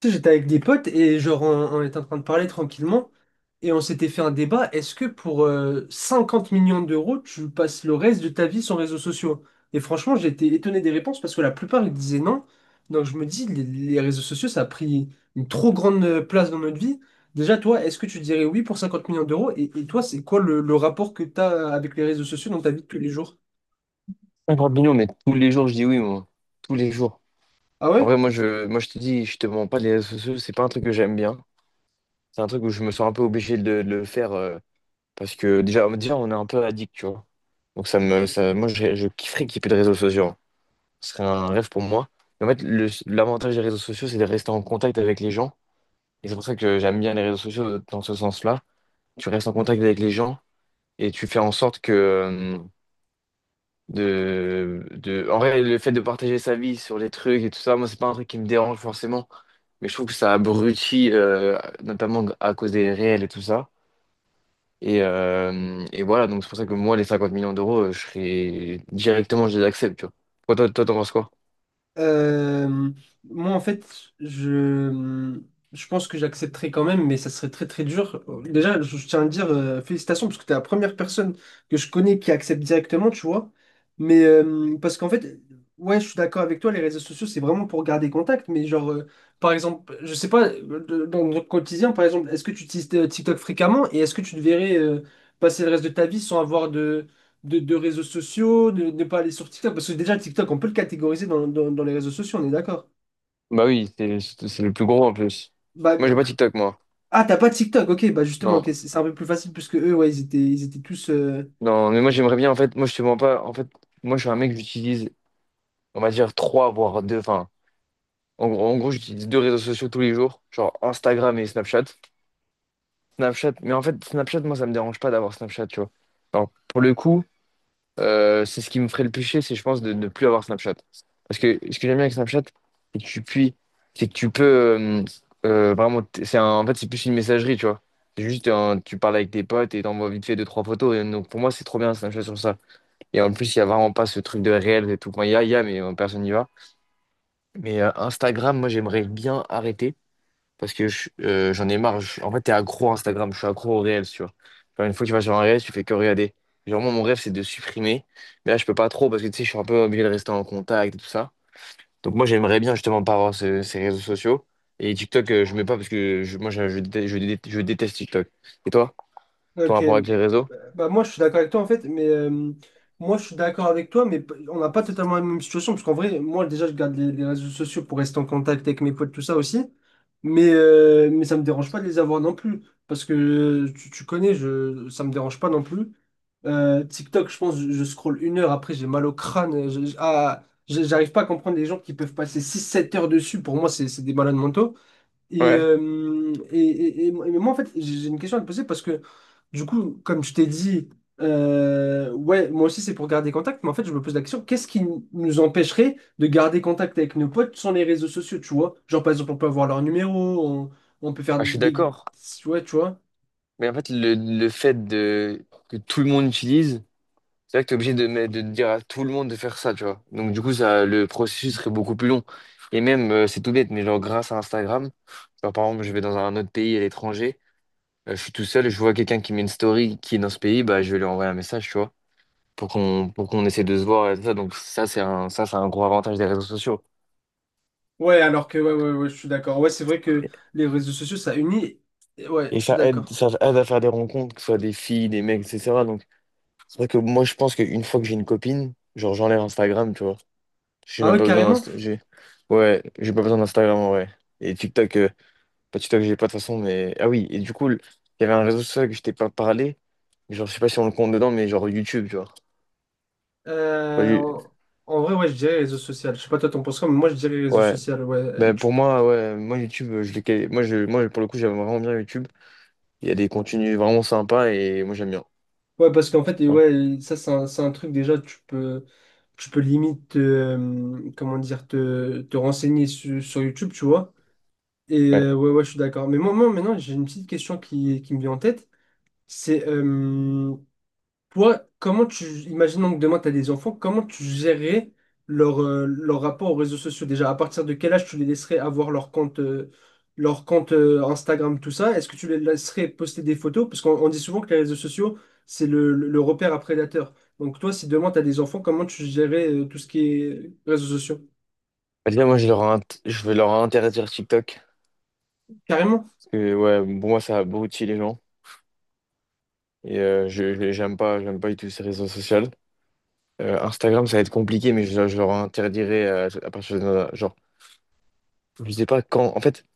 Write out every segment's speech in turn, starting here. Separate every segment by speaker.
Speaker 1: Tu sais, j'étais avec des potes et on était en train de parler tranquillement et on s'était fait un débat. Est-ce que pour 50 millions d'euros, tu passes le reste de ta vie sans réseaux sociaux? Et franchement, j'étais étonné des réponses parce que la plupart ils disaient non. Donc je me dis, les réseaux sociaux, ça a pris une trop grande place dans notre vie. Déjà, toi, est-ce que tu dirais oui pour 50 millions d'euros? Et toi, c'est quoi le rapport que tu as avec les réseaux sociaux dans ta vie de tous les jours?
Speaker 2: Un Grappino, mais tous les jours, je dis oui, moi. Tous les jours.
Speaker 1: Ah
Speaker 2: En
Speaker 1: ouais?
Speaker 2: vrai, moi, je te dis, je te mens pas, les réseaux sociaux, c'est pas un truc que j'aime bien. C'est un truc où je me sens un peu obligé de le faire parce que déjà, on est un peu addict, tu vois. Donc, ça me, ça, moi, je kifferais qu'il y ait plus de réseaux sociaux, hein. Ce serait un rêve pour moi. Mais en fait, l'avantage des réseaux sociaux, c'est de rester en contact avec les gens. Et c'est pour ça que j'aime bien les réseaux sociaux dans ce sens-là. Tu restes en contact avec les gens et tu fais en sorte que. En vrai, le fait de partager sa vie sur les trucs et tout ça, moi, c'est pas un truc qui me dérange forcément. Mais je trouve que ça abrutit, notamment à cause des réels et tout ça. Et voilà, donc c'est pour ça que moi, les 50 millions d'euros, je serais directement, je les accepte, tu vois. Toi, toi, toi, t'en penses quoi?
Speaker 1: Euh, Moi, en fait, je, je pense que j'accepterai quand même, mais ça serait très très dur. Déjà, je tiens à dire félicitations parce que tu es la première personne que je connais qui accepte directement, tu vois. Mais parce qu'en fait, ouais, je suis d'accord avec toi, les réseaux sociaux, c'est vraiment pour garder contact. Mais genre, par exemple, je sais pas, dans notre quotidien, par exemple, est-ce que tu utilises TikTok fréquemment et est-ce que tu devrais passer le reste de ta vie sans avoir de réseaux sociaux, de ne pas aller sur TikTok. Parce que déjà, TikTok, on peut le catégoriser dans les réseaux sociaux, on est d'accord.
Speaker 2: Bah oui, c'est le plus gros en plus.
Speaker 1: Bah,
Speaker 2: Moi, j'ai pas TikTok, moi.
Speaker 1: ah, t'as pas de TikTok, ok, bah justement, ok, c'est
Speaker 2: Non.
Speaker 1: c'est un peu plus facile puisque eux, ouais, ils étaient tous.
Speaker 2: Non, mais moi, j'aimerais bien, en fait, moi, je te mens pas. En fait, moi, je suis un mec, j'utilise, on va dire, trois, voire deux. En gros, j'utilise deux réseaux sociaux tous les jours, genre Instagram et Snapchat. Snapchat, mais en fait, Snapchat, moi, ça me dérange pas d'avoir Snapchat, tu vois. Alors, pour le coup, c'est ce qui me ferait le péché c'est, je pense, de ne plus avoir Snapchat. Parce que ce que j'aime bien avec Snapchat, c'est que tu puis, c'est que tu peux euh, vraiment, en fait, c'est plus une messagerie, tu vois. C'est juste, tu parles avec tes potes et t'envoies vite fait deux, trois photos. Et donc, pour moi, c'est trop bien Snapchat sur ça. Et en plus, il y a vraiment pas ce truc de réel et tout. Enfin, il y a, mais personne n'y va. Mais Instagram, moi, j'aimerais bien arrêter. Parce que j'en ai marre. En fait, t'es accro à Instagram. Je suis accro au réel, tu vois. Genre, une fois que tu vas sur un réel, tu fais que regarder. Genre, moi, mon rêve, c'est de supprimer. Mais là, je peux pas trop parce que tu sais, je suis un peu obligé de rester en contact et tout ça. Donc, moi, j'aimerais bien justement pas avoir ces réseaux sociaux. Et TikTok, je mets pas parce que déteste, je déteste je déteste TikTok. Et toi, ton
Speaker 1: Ok,
Speaker 2: rapport avec les réseaux?
Speaker 1: bah moi je suis d'accord avec toi en fait, mais moi je suis d'accord avec toi, mais on n'a pas totalement la même situation parce qu'en vrai, moi déjà je garde les réseaux sociaux pour rester en contact avec mes potes, tout ça aussi, mais ça me dérange pas de les avoir non plus parce que tu, tu connais, je, ça me dérange pas non plus. TikTok, je pense, je scrolle 1 heure après, j'ai mal au crâne, j'arrive pas à comprendre les gens qui peuvent passer 6 7 heures dessus, pour moi c'est des malades mentaux.
Speaker 2: Ouais.
Speaker 1: Mais moi, en fait, j'ai une question à te poser parce que, du coup, comme je t'ai dit, ouais, moi aussi, c'est pour garder contact, mais en fait, je me pose la question, qu'est-ce qui nous empêcherait de garder contact avec nos potes sans les réseaux sociaux, tu vois? Genre, par exemple, on peut avoir leur numéro, on peut faire
Speaker 2: Ah, je suis
Speaker 1: des...
Speaker 2: d'accord.
Speaker 1: Ouais, tu vois?
Speaker 2: Mais en fait, le fait de, que tout le monde utilise. C'est vrai que t'es obligé de dire à tout le monde de faire ça, tu vois. Donc du coup, ça, le processus serait beaucoup plus long. Et même, c'est tout bête, mais genre grâce à Instagram, genre par exemple, je vais dans un autre pays à l'étranger, je suis tout seul, je vois quelqu'un qui met une story qui est dans ce pays, bah je vais lui envoyer un message, tu vois, pour qu'on essaie de se voir et tout ça. Donc ça, c'est un gros avantage des réseaux sociaux.
Speaker 1: Ouais, alors que, ouais, ouais, ouais, je suis d'accord. Ouais, c'est vrai que les réseaux sociaux, ça unit. Et ouais,
Speaker 2: Et
Speaker 1: je suis
Speaker 2: ça aide,
Speaker 1: d'accord.
Speaker 2: ça aide à faire des rencontres, que ce soit des filles, des mecs, etc. Donc c'est vrai que moi, je pense qu'une fois que j'ai une copine, genre j'enlève Instagram, tu vois. J'ai
Speaker 1: Ah
Speaker 2: même
Speaker 1: ouais,
Speaker 2: pas besoin
Speaker 1: carrément.
Speaker 2: d'Insta. Ouais, j'ai pas besoin d'Instagram en vrai. Et TikTok, pas TikTok, j'ai pas de toute façon, mais. Ah oui, et du coup, il y avait un réseau social que je t'ai pas parlé. Genre, je sais pas si on le compte dedans, mais genre YouTube, tu vois. Genre,
Speaker 1: Euh, en En vrai, ouais, je dirais réseau social. Je sais pas, toi, t'en penses quoi, mais moi, je dirais réseau
Speaker 2: Ouais.
Speaker 1: social. Ouais.
Speaker 2: Ben, pour moi, ouais, moi YouTube, je l'ai quali- moi, je... moi, pour le coup, j'aime vraiment bien YouTube. Il y a des contenus vraiment sympas et moi, j'aime bien.
Speaker 1: Ouais, parce qu'en fait, et
Speaker 2: Hein.
Speaker 1: ouais, ça, c'est un truc déjà, tu peux limite, comment dire, te renseigner sur YouTube, tu vois. Et
Speaker 2: Ouais.
Speaker 1: ouais, ouais, je suis d'accord. Moi, maintenant, j'ai une petite question qui me vient en tête. C'est toi, comment tu, imaginons que demain tu as des enfants, comment tu gérerais leur, leur rapport aux réseaux sociaux déjà? À partir de quel âge tu les laisserais avoir leur compte, Instagram, tout ça? Est-ce que tu les laisserais poster des photos? Parce qu'on on dit souvent que les réseaux sociaux, c'est le repère à prédateurs. Donc toi, si demain tu as des enfants, comment tu gérerais tout ce qui est réseaux sociaux?
Speaker 2: Bah, déjà, moi, je vais leur interdire TikTok.
Speaker 1: Carrément?
Speaker 2: Parce que, ouais, pour moi, ça abrutit les gens. Et j'aime pas du tout ces réseaux sociaux. Instagram, ça va être compliqué, mais je leur interdirai à partir de. Genre, je sais pas quand. En fait,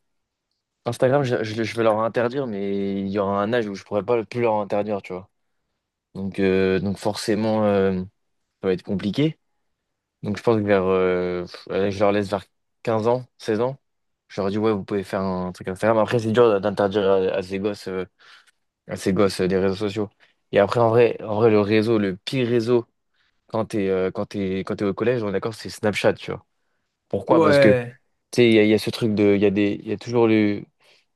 Speaker 2: Instagram, je vais leur interdire, mais il y aura un âge où je pourrais pas plus leur interdire, tu vois. Donc forcément, ça va être compliqué. Donc, je pense que allez, je leur laisse vers 15 ans, 16 ans. Je leur dis, ouais, vous pouvez faire un truc Instagram. Après, c'est dur d'interdire à ces gosses, des réseaux sociaux. Et après, en vrai, le pire réseau quand t'es au collège, on est d'accord, c'est Snapchat, tu vois. Pourquoi? Parce que
Speaker 1: Ouais.
Speaker 2: tu sais, il y a ce truc de, il y a toujours le,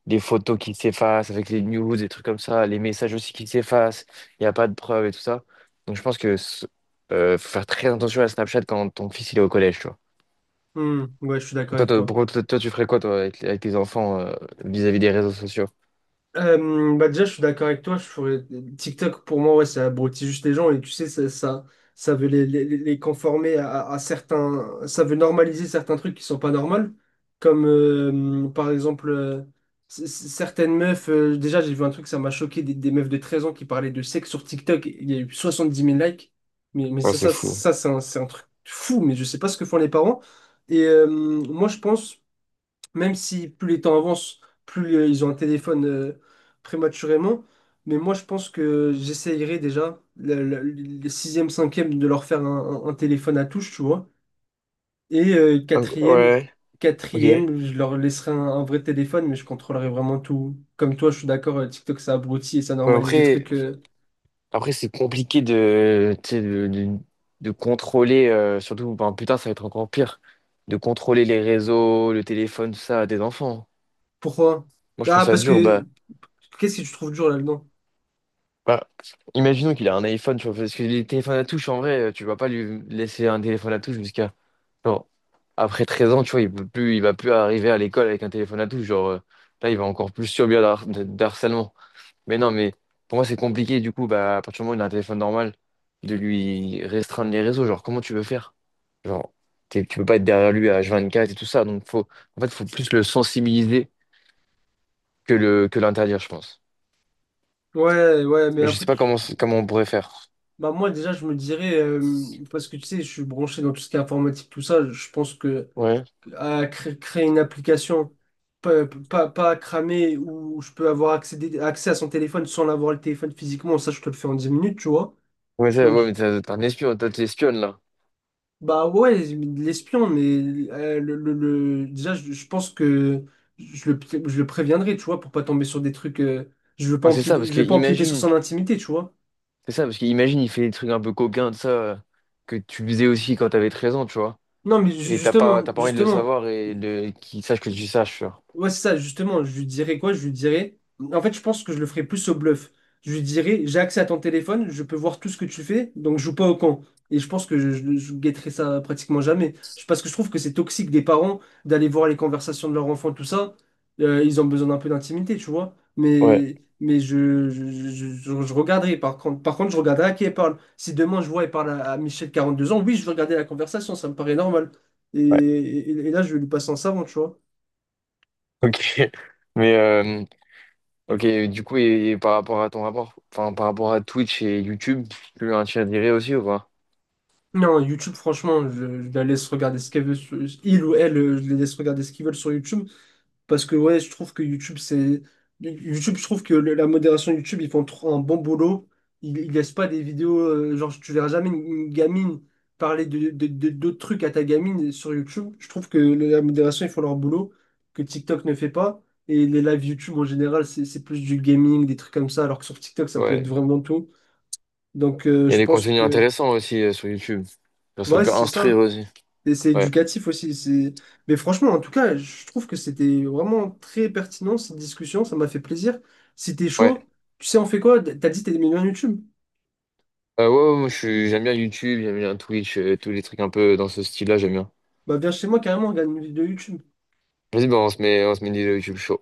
Speaker 2: des photos qui s'effacent avec les news, des trucs comme ça, les messages aussi qui s'effacent, il n'y a pas de preuves et tout ça. Donc je pense que faut faire très attention à Snapchat quand ton fils il est au collège, tu vois.
Speaker 1: Hmm, ouais, je suis d'accord
Speaker 2: Toi,
Speaker 1: avec
Speaker 2: toi,
Speaker 1: toi.
Speaker 2: pourquoi- toi, toi, tu ferais quoi toi, avec tes enfants vis-à-vis des réseaux sociaux?
Speaker 1: Bah déjà, je suis d'accord avec toi. Je ferais... TikTok, pour moi, ouais, ça abrutit juste les gens. Et tu sais, ça veut les conformer à certains. Ça veut normaliser certains trucs qui sont pas normaux. Comme, par exemple, certaines meufs. Déjà, j'ai vu un truc, ça m'a choqué. Des meufs de 13 ans qui parlaient de sexe sur TikTok. Il y a eu 70 000 likes.
Speaker 2: Ouais, c'est fou.
Speaker 1: Ça c'est un truc fou. Mais je sais pas ce que font les parents. Et moi, je pense même si plus les temps avancent, plus ils ont un téléphone prématurément. Mais moi, je pense que j'essayerai déjà, le sixième, cinquième, de leur faire un, un téléphone à touche, tu vois. Et
Speaker 2: Donc, ouais, ok. Ouais,
Speaker 1: quatrième, je leur laisserai un vrai téléphone, mais je contrôlerai vraiment tout. Comme toi, je suis d'accord, TikTok, ça abrutit et ça normalise des
Speaker 2: après,
Speaker 1: trucs.
Speaker 2: après c'est compliqué de, tu sais, de contrôler, surtout, ben, putain, ça va être encore pire, de contrôler les réseaux, le téléphone, tout ça, à des enfants.
Speaker 1: Pourquoi?
Speaker 2: Moi, je trouve
Speaker 1: Ah,
Speaker 2: ça
Speaker 1: parce
Speaker 2: dur.
Speaker 1: que...
Speaker 2: Bah,
Speaker 1: Qu'est-ce que tu trouves dur là-dedans?
Speaker 2: bah, imaginons qu'il a un iPhone, tu vois, parce que les téléphones à touche, en vrai, tu vas pas lui laisser un téléphone à touche jusqu'à, genre, après 13 ans, tu vois, il peut plus, il va plus arriver à l'école avec un téléphone à touche. Genre, là, il va encore plus subir d'harcèlement. Mais non, mais pour moi, c'est compliqué, du coup, bah, à partir du moment où il a un téléphone normal, de lui restreindre les réseaux. Genre, comment tu veux faire? Genre, tu peux pas être derrière lui à H24 et tout ça. Donc, faut, en fait, faut plus le sensibiliser que l'interdire, je pense.
Speaker 1: Ouais, ouais, mais
Speaker 2: Mais je sais
Speaker 1: après...
Speaker 2: pas comment on pourrait faire.
Speaker 1: Bah moi déjà je me dirais parce que tu sais je suis branché dans tout ce qui est informatique tout ça je pense que à créer une application pas cramer où je peux avoir accès à son téléphone sans l'avoir le téléphone physiquement ça je te le fais en 10 minutes tu vois
Speaker 2: Ouais, ça,
Speaker 1: donc
Speaker 2: ouais, mais t'es un espion, toi, t'es espionne, là.
Speaker 1: bah ouais l'espion mais déjà je pense que je le, je le préviendrai tu vois pour pas tomber sur des trucs
Speaker 2: Ouais, c'est ça, parce
Speaker 1: je
Speaker 2: que
Speaker 1: veux pas empiéter sur
Speaker 2: imagine,
Speaker 1: son intimité tu vois
Speaker 2: c'est ça, parce que imagine, il fait des trucs un peu coquins de ça, que tu faisais aussi quand t'avais 13 ans, tu vois.
Speaker 1: non mais
Speaker 2: Et t'as pas,
Speaker 1: justement
Speaker 2: t'as pas envie de le
Speaker 1: justement.
Speaker 2: savoir et de, qu'il sache que tu saches, tu vois.
Speaker 1: Ouais, c'est ça, justement, je lui dirais quoi? Je lui dirais. En fait, je pense que je le ferais plus au bluff. Je lui dirais, j'ai accès à ton téléphone, je peux voir tout ce que tu fais, donc joue pas au con. Et je pense que je guetterai ça pratiquement jamais. Je- Parce que je trouve que c'est toxique des parents d'aller voir les conversations de leur enfant, tout ça. Ils ont besoin d'un peu d'intimité, tu vois.
Speaker 2: Ouais,
Speaker 1: Je regarderai. Par contre, je regarderai à qui elle parle. Si demain je vois elle parle à Michel, 42 ans, oui, je vais regarder la conversation, ça me paraît normal.
Speaker 2: ouais,
Speaker 1: Là, je vais lui passer un savon, tu vois.
Speaker 2: ok. Mais, ok, du coup, et par rapport à ton rapport, enfin, par rapport à Twitch et YouTube, tu as dirais aussi ou pas?
Speaker 1: Non, YouTube, franchement, je la laisse regarder ce qu'elle veut sur, il ou elle, je les laisse regarder ce qu'ils veulent sur YouTube. Parce que ouais, je trouve que YouTube, c'est. YouTube, je trouve que la modération YouTube, ils font trop un bon boulot. Ils laissent pas des vidéos, genre tu verras jamais une, une gamine parler d'autres trucs à ta gamine sur YouTube. Je trouve que la modération, ils font leur boulot, que TikTok ne fait pas. Et les lives YouTube en général, c'est plus du gaming, des trucs comme ça, alors que sur TikTok, ça peut être
Speaker 2: Ouais.
Speaker 1: vraiment tout. Donc
Speaker 2: Il y a
Speaker 1: je
Speaker 2: des
Speaker 1: pense
Speaker 2: contenus
Speaker 1: que.
Speaker 2: intéressants aussi sur YouTube. Genre, ça
Speaker 1: Ouais,
Speaker 2: peut
Speaker 1: c'est
Speaker 2: instruire
Speaker 1: ça.
Speaker 2: aussi.
Speaker 1: Et c'est
Speaker 2: Ouais,
Speaker 1: éducatif aussi. C'est- Mais franchement, en tout cas, je trouve que c'était vraiment très pertinent cette discussion. Ça m'a fait plaisir. Si t'es
Speaker 2: ouais.
Speaker 1: chaud, tu sais, on fait quoi? T'as dit que t'es des millions YouTube.
Speaker 2: Ouais, ouais, moi j'aime bien YouTube, j'aime bien Twitch, tous les trucs un peu dans ce style-là, j'aime bien.
Speaker 1: Bah viens chez moi carrément, on regarde une vidéo YouTube.
Speaker 2: Vas-y, bah, on se met des YouTube show.